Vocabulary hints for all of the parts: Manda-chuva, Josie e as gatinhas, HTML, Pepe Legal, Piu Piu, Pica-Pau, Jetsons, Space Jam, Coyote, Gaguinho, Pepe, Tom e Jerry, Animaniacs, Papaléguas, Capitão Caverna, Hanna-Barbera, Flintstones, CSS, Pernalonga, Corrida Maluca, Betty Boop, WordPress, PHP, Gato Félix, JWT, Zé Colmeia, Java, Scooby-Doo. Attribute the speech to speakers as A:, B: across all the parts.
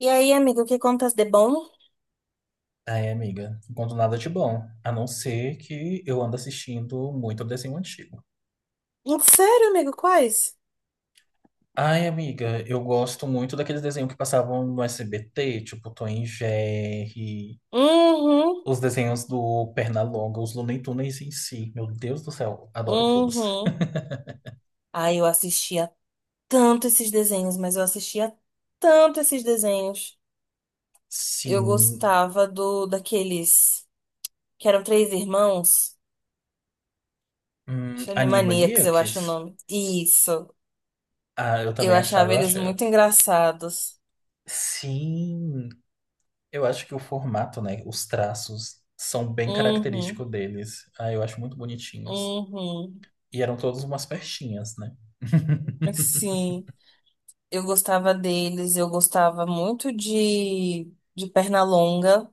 A: E aí, amigo, que contas de bom?
B: Ai, amiga, enquanto nada de bom, a não ser que eu ando assistindo muito desenho antigo.
A: Sério, amigo, quais?
B: Ai, amiga, eu gosto muito daqueles desenhos que passavam no SBT, tipo Tom e Jerry,
A: Uhum,
B: os desenhos do Pernalonga, os Looney Tunes em si. Meu Deus do céu, adoro todos.
A: uhum. Ai, eu assistia tanto esses desenhos, mas eu assistia tanto esses desenhos. Eu
B: Sim,
A: gostava do daqueles que eram três irmãos, acho Animaniacs, eu acho o
B: Animaniacs,
A: nome. Isso.
B: ah, eu
A: Eu
B: também achava,
A: achava
B: eu
A: eles
B: achei.
A: muito engraçados.
B: Sim, eu acho que o formato, né, os traços são bem
A: Uhum,
B: característicos deles. Ah, eu acho muito bonitinhos.
A: uhum.
B: E eram todas umas pertinhas, né?
A: Sim, eu gostava deles, eu gostava muito de Pernalonga.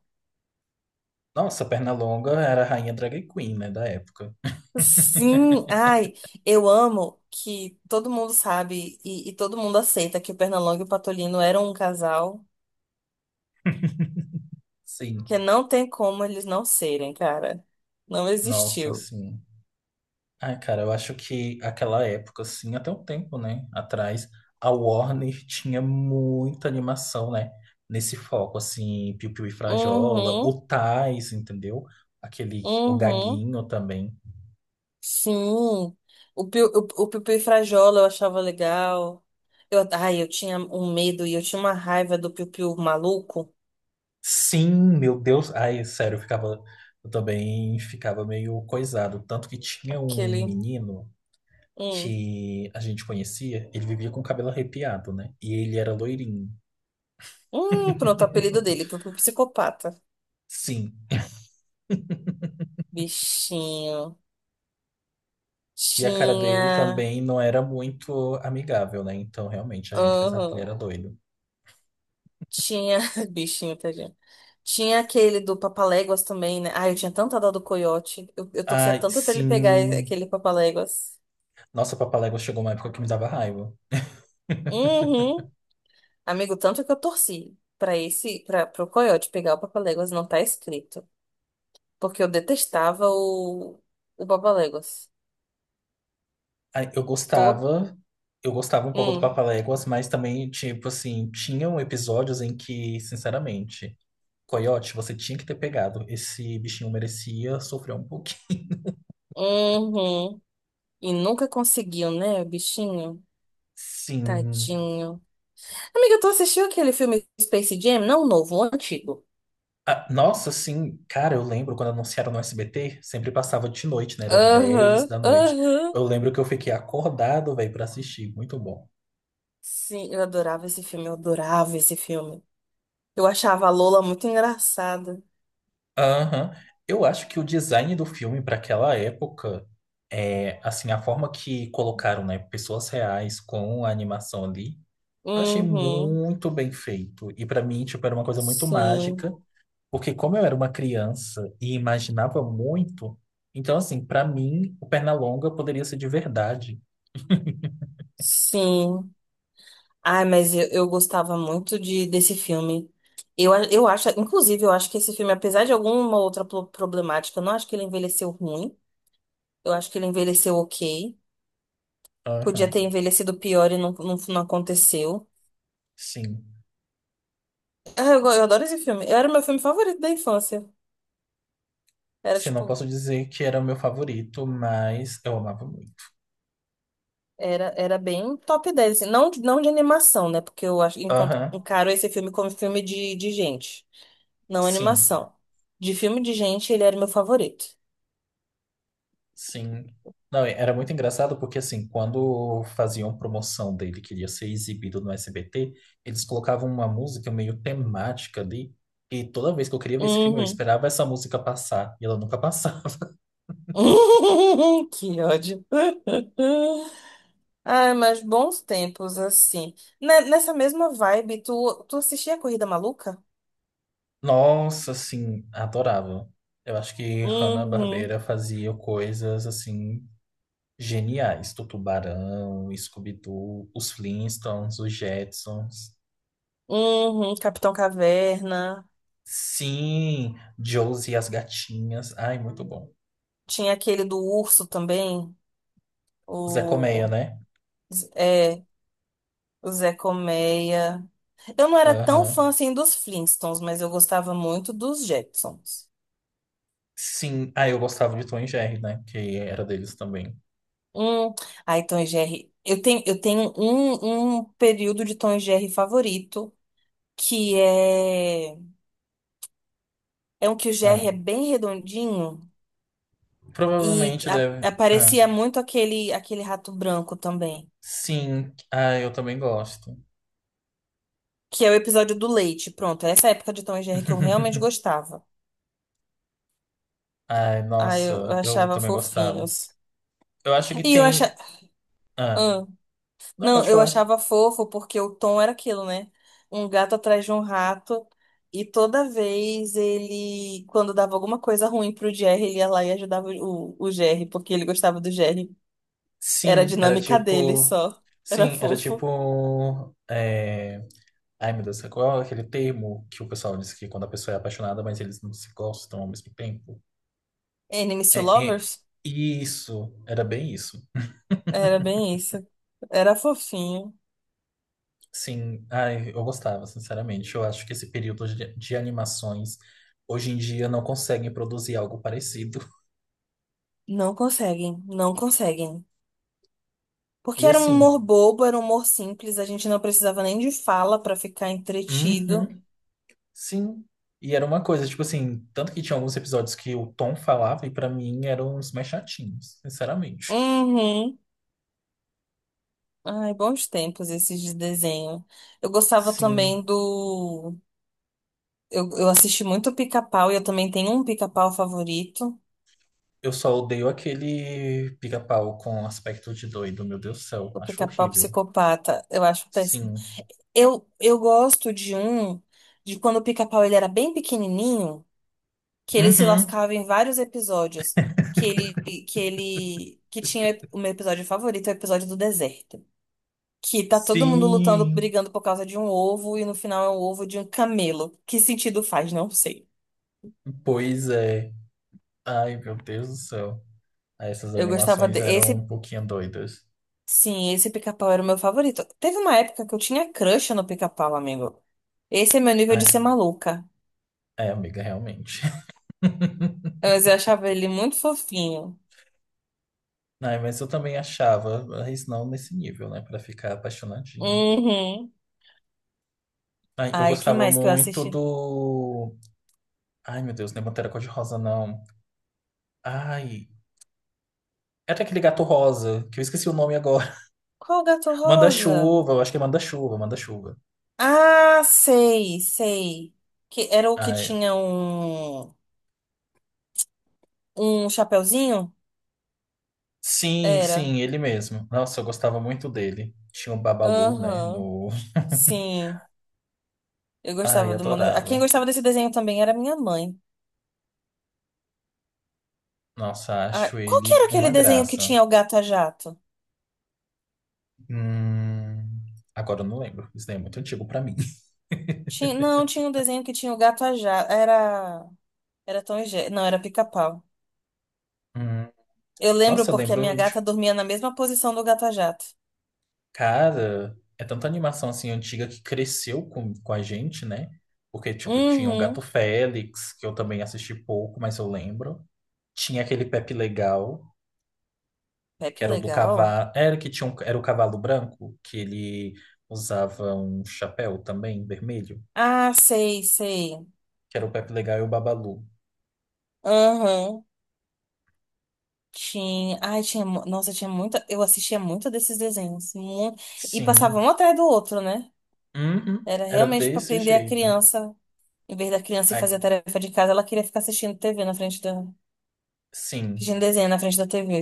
B: Nossa, Pernalonga era a rainha drag queen, né, da época.
A: Sim, ai, eu amo que todo mundo sabe e todo mundo aceita que o Pernalonga e o Patolino eram um casal,
B: Sim.
A: que não tem como eles não serem, cara. Não
B: Nossa,
A: existiu.
B: sim. Ai, cara, eu acho que aquela época, assim, até um tempo, né, atrás, a Warner tinha muita animação, né, nesse foco, assim, Piu Piu e Frajola,
A: Uhum,
B: o Tais, entendeu? Aquele, o
A: uhum,
B: Gaguinho também.
A: sim. O Piu, o, o Piu Piu e Frajola eu achava legal. Eu tinha um medo e eu tinha uma raiva do Piu Piu maluco,
B: Sim, meu Deus, ai, sério, eu ficava, eu também ficava meio coisado, tanto que tinha um
A: aquele.
B: menino
A: Hum,
B: que a gente conhecia, ele vivia com o cabelo arrepiado, né? E ele era loirinho.
A: Pronto, o apelido dele, Piu Piu psicopata.
B: Sim.
A: Bichinho.
B: E a cara dele
A: Tinha.
B: também não era muito amigável, né? Então, realmente, a gente pensava que ele
A: Aham.
B: era doido.
A: Tinha, bichinho, tadinho. Tinha aquele do Papaléguas também, né? Ai, eu tinha tanta dó do coiote. Eu torcia
B: Ai,
A: tanto pra ele pegar
B: sim.
A: aquele Papaléguas.
B: Nossa, Papaléguas chegou uma época que me dava raiva.
A: Uhum. Amigo, tanto que eu torci pra esse, para pro coiote pegar o Papaléguas, não tá escrito. Porque eu detestava o Papaléguas.
B: Ai,
A: Todo.
B: eu gostava um pouco do
A: Hum.
B: Papaléguas, mas também, tipo assim, tinham episódios em que, sinceramente, Coyote, você tinha que ter pegado. Esse bichinho merecia sofrer um pouquinho.
A: Uhum. E nunca conseguiu, né, bichinho?
B: Sim.
A: Tadinho. Amiga, tu assistiu aquele filme Space Jam? Não o novo, o antigo.
B: Ah, nossa, sim, cara, eu lembro quando anunciaram no SBT, sempre passava de noite, né? Era dez
A: Aham,
B: da noite.
A: aham.
B: Eu lembro que eu fiquei acordado, velho, pra assistir. Muito bom.
A: Sim, eu adorava esse filme, eu adorava esse filme. Eu achava a Lola muito engraçada.
B: Aham. Eu acho que o design do filme para aquela época, é, assim, a forma que colocaram, né, pessoas reais com a animação ali, eu achei
A: Uhum,
B: muito bem feito. E para mim, tipo, era uma coisa muito
A: sim,
B: mágica, porque como eu era uma criança e imaginava muito, então, assim, para mim, o Pernalonga poderia ser de verdade.
A: sim. Ai, mas eu gostava muito desse filme. Eu acho, inclusive, eu acho que esse filme, apesar de alguma outra problemática, eu não acho que ele envelheceu ruim. Eu acho que ele envelheceu ok. Podia
B: Aham,
A: ter envelhecido pior e não aconteceu.
B: sim.
A: Ah, eu adoro esse filme. Era o meu filme favorito da infância. Era
B: Sim, não
A: tipo.
B: posso dizer que era o meu favorito, mas eu amava muito.
A: Era, era bem top 10 assim. Não, não de animação, né? Porque eu acho,
B: Aham,
A: encaro esse filme como filme de gente, não
B: sim,
A: animação. De filme de gente, ele era meu favorito.
B: sim. Não, era muito engraçado porque, assim, quando faziam promoção dele, que ia ser exibido no SBT, eles colocavam uma música meio temática ali, e toda vez que eu queria ver esse filme, eu
A: Uhum.
B: esperava essa música passar, e ela nunca passava.
A: Que ódio. Ai, mas bons tempos, assim. Nessa mesma vibe, tu assistia a Corrida Maluca?
B: Nossa, assim, adorava. Eu acho que
A: Uhum,
B: Hanna-Barbera fazia coisas, assim, geniais. Do Tubarão, Scooby-Doo, os Flintstones, os Jetsons.
A: uhum, Capitão Caverna.
B: Sim, Josie e as gatinhas. Ai, muito bom.
A: Tinha aquele do urso também,
B: Zé Colmeia,
A: o,
B: né?
A: é, o Zé Colmeia. Eu não era tão fã
B: Aham.
A: assim dos Flintstones, mas eu gostava muito dos Jetsons.
B: Sim. Ah, eu gostava de Tom e Jerry, né? Que era deles também.
A: Hum, ai, Tom e Jerry. Eu tenho um, um período de Tom e Jerry favorito, que é, é um que o Jerry é
B: Ah,
A: bem redondinho e
B: provavelmente deve. Ah,
A: aparecia muito aquele, aquele rato branco também.
B: sim. Ah, eu também gosto.
A: Que é o episódio do leite. Pronto, essa época de Tom e Jerry que eu realmente gostava.
B: Ai,
A: Ah, eu
B: nossa, eu
A: achava
B: também gostava.
A: fofinhos.
B: Eu acho que
A: E eu achava.
B: tem. Ah, não
A: Não,
B: pode
A: eu
B: falar.
A: achava fofo porque o Tom era aquilo, né? Um gato atrás de um rato. E toda vez ele, quando dava alguma coisa ruim pro Jerry, ele ia lá e ajudava o Jerry, porque ele gostava do Jerry. Era a
B: Sim, era
A: dinâmica dele
B: tipo.
A: só. Era
B: Sim, era
A: fofo.
B: tipo. Ai, meu Deus, qual é aquele termo que o pessoal diz que quando a pessoa é apaixonada, mas eles não se gostam ao mesmo tempo?
A: Enemies to
B: É, é...
A: Lovers?
B: Isso, era bem isso.
A: Era bem isso. Era fofinho.
B: Sim, ai, eu gostava, sinceramente. Eu acho que esse período de animações hoje em dia não conseguem produzir algo parecido.
A: Não conseguem, não conseguem. Porque
B: E
A: era um
B: assim,
A: humor bobo, era um humor simples, a gente não precisava nem de fala pra ficar entretido.
B: uhum. Sim. E era uma coisa, tipo assim, tanto que tinha alguns episódios que o Tom falava e pra mim eram os mais chatinhos, sinceramente.
A: Uhum. Ai, bons tempos esses de desenho. Eu gostava
B: Sim,
A: também do. Eu assisti muito Pica-Pau e eu também tenho um Pica-Pau favorito,
B: eu só odeio aquele pica-pau com aspecto de doido, meu Deus do céu,
A: o
B: acho
A: Pica-Pau
B: horrível.
A: Psicopata. Eu acho péssimo.
B: Sim.
A: Eu gosto de quando o Pica-Pau ele era bem pequenininho, que ele se
B: Uhum.
A: lascava em vários episódios. Que ele, que tinha o meu episódio favorito, é o episódio do deserto. Que tá todo mundo lutando,
B: Sim.
A: brigando por causa de um ovo e no final é um ovo de um camelo. Que sentido faz? Não sei.
B: Pois é. Ai, meu Deus do céu. Ah, essas
A: Eu gostava de...
B: animações eram um pouquinho doidas.
A: Sim, esse pica-pau era o meu favorito. Teve uma época que eu tinha crush no pica-pau, amigo. Esse é meu nível de ser
B: É,
A: maluca.
B: é, amiga, realmente.
A: Mas eu achava ele muito fofinho.
B: Ai, mas eu também achava, mas não nesse nível, né, pra ficar apaixonadinho.
A: Uhum.
B: Ai, eu
A: Ai, que
B: gostava
A: mais que eu
B: muito
A: assisti?
B: do. Ai, meu Deus, não é Pantera Cor-de-Rosa, não. Ai. Era aquele gato rosa, que eu esqueci o nome agora.
A: Qual o gato rosa?
B: Manda-chuva, eu acho que é Manda-chuva.
A: Ah, sei, sei. Que era o que
B: Ai.
A: tinha um chapeuzinho?
B: Sim,
A: Era.
B: sim, ele mesmo. Nossa, eu gostava muito dele. Tinha o Babalu, né?
A: Aham.
B: No...
A: Sim. Eu
B: Ai,
A: gostava do Manda... A quem
B: adorava.
A: gostava desse desenho também era minha mãe.
B: Nossa,
A: Ah,
B: acho
A: qual que
B: ele
A: era aquele
B: uma
A: desenho que
B: graça.
A: tinha o gato a jato?
B: Hum... Agora eu não lembro. Isso daí é muito antigo pra mim.
A: Tinha... Não, tinha um desenho que tinha o gato a jato. Era. Era Tom e Jerry. Não, era Pica-Pau.
B: Hum...
A: Eu lembro
B: Nossa, eu
A: porque a minha
B: lembro. De
A: gata dormia na mesma posição do gato a jato.
B: Cara, é tanta animação assim antiga que cresceu com a gente, né? Porque, tipo, tinha o Gato
A: Uhum.
B: Félix, que eu também assisti pouco, mas eu lembro. Tinha aquele Pepe Legal, que
A: Pepe
B: era o do
A: legal.
B: cavalo. Era que tinha era o cavalo branco, que ele usava um chapéu também, vermelho,
A: Ah, sei, sei.
B: que era o Pepe Legal e o Babalu.
A: Uhum. Tinha. Ai, tinha. Nossa, tinha muita. Eu assistia muito desses desenhos. E passava
B: Sim.
A: um atrás do outro, né?
B: Uhum.
A: Era
B: Era
A: realmente para
B: desse
A: prender a
B: jeito.
A: criança. Em vez da criança ir
B: Ai,
A: fazer a tarefa de casa, ela queria ficar assistindo TV na frente da.
B: sim,
A: Assistindo desenho na frente da TV.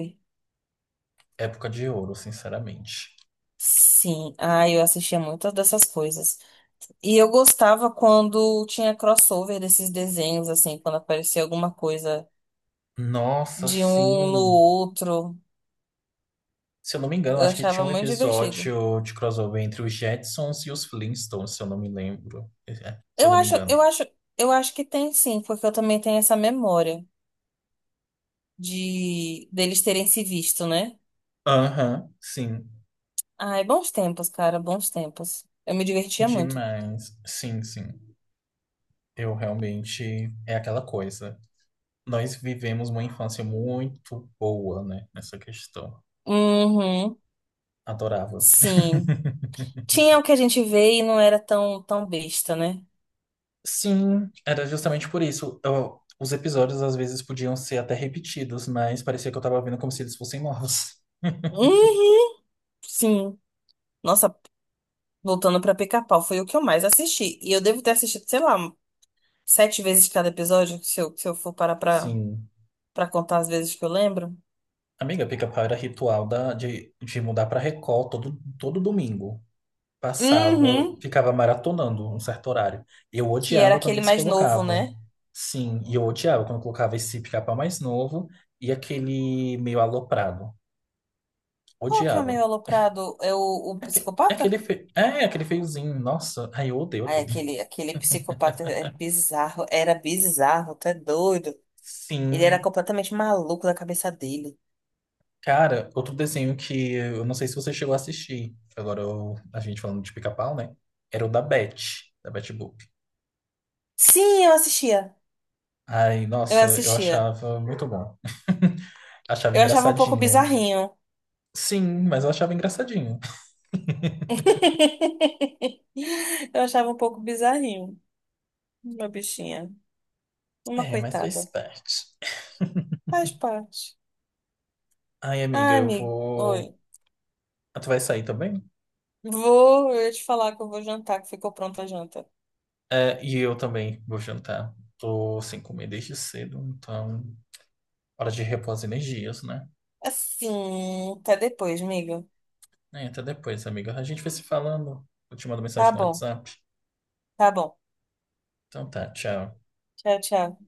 B: época de ouro, sinceramente.
A: Sim, ah, eu assistia muitas dessas coisas. E eu gostava quando tinha crossover desses desenhos, assim, quando aparecia alguma coisa
B: Nossa,
A: de um no
B: sim.
A: outro.
B: Se eu não me engano,
A: Eu
B: acho que tinha
A: achava
B: um
A: muito divertido.
B: episódio de crossover entre os Jetsons e os Flintstones, se eu não me lembro. É, é, se eu
A: Eu
B: não me
A: acho,
B: engano.
A: eu acho, eu acho que tem sim, porque eu também tenho essa memória de deles terem se visto, né?
B: Aham, sim.
A: Ai, bons tempos, cara, bons tempos. Eu me divertia muito.
B: Demais. Sim, sim. Eu realmente. É aquela coisa. Nós vivemos uma infância muito boa, né? Nessa questão.
A: Uhum,
B: Adorava.
A: sim. Tinha o que a gente vê e não era tão besta, né?
B: Sim, era justamente por isso. Os episódios às vezes podiam ser até repetidos, mas parecia que eu tava vendo como se eles fossem novos.
A: Uhum, sim. Nossa, voltando pra Pica-Pau, foi o que eu mais assisti. E eu devo ter assistido, sei lá, sete vezes cada episódio, se eu for parar
B: Sim.
A: pra contar as vezes que eu lembro.
B: Amiga, pica-pau era ritual de mudar pra Record todo, todo domingo. Passava,
A: Uhum.
B: ficava maratonando um certo horário. Eu
A: Que era
B: odiava quando
A: aquele
B: eles
A: mais novo,
B: colocavam.
A: né?
B: Sim, e eu odiava quando colocava esse pica-pau mais novo e aquele meio aloprado.
A: Qual que é o
B: Odiava.
A: meio aloprado? É o
B: É aque- é
A: psicopata?
B: aquele, fe- é aquele feiozinho, nossa, ai, eu odeio
A: Ai,
B: aquele.
A: aquele psicopata é bizarro. Era bizarro, tu é doido. Ele era
B: Sim,
A: completamente maluco da cabeça dele.
B: cara, outro desenho que eu não sei se você chegou a assistir. A gente falando de pica-pau, né? Era o da Betty Boop.
A: Sim, eu assistia.
B: Ai,
A: Eu
B: nossa, eu
A: assistia.
B: achava muito bom. Achava
A: Eu achava um pouco
B: engraçadinho.
A: bizarrinho.
B: Sim, mas eu achava engraçadinho.
A: Eu achava um pouco bizarrinho, uma bichinha, uma
B: É, mas faz
A: coitada.
B: parte.
A: Faz parte.
B: Ai, amiga,
A: Ai,
B: eu
A: amigo,
B: vou.
A: oi.
B: Ah, tu vai sair também?
A: Vou, eu ia te falar que eu vou jantar, que ficou pronta a janta.
B: É, e eu também vou jantar. Tô sem comer desde cedo, então hora de repor as energias, né?
A: Assim, até depois, amigo.
B: É, até depois, amiga. A gente vai se falando. Eu te mando
A: Tá
B: mensagem no
A: bom,
B: WhatsApp.
A: tá bom.
B: Então tá, tchau.
A: Tchau, tchau.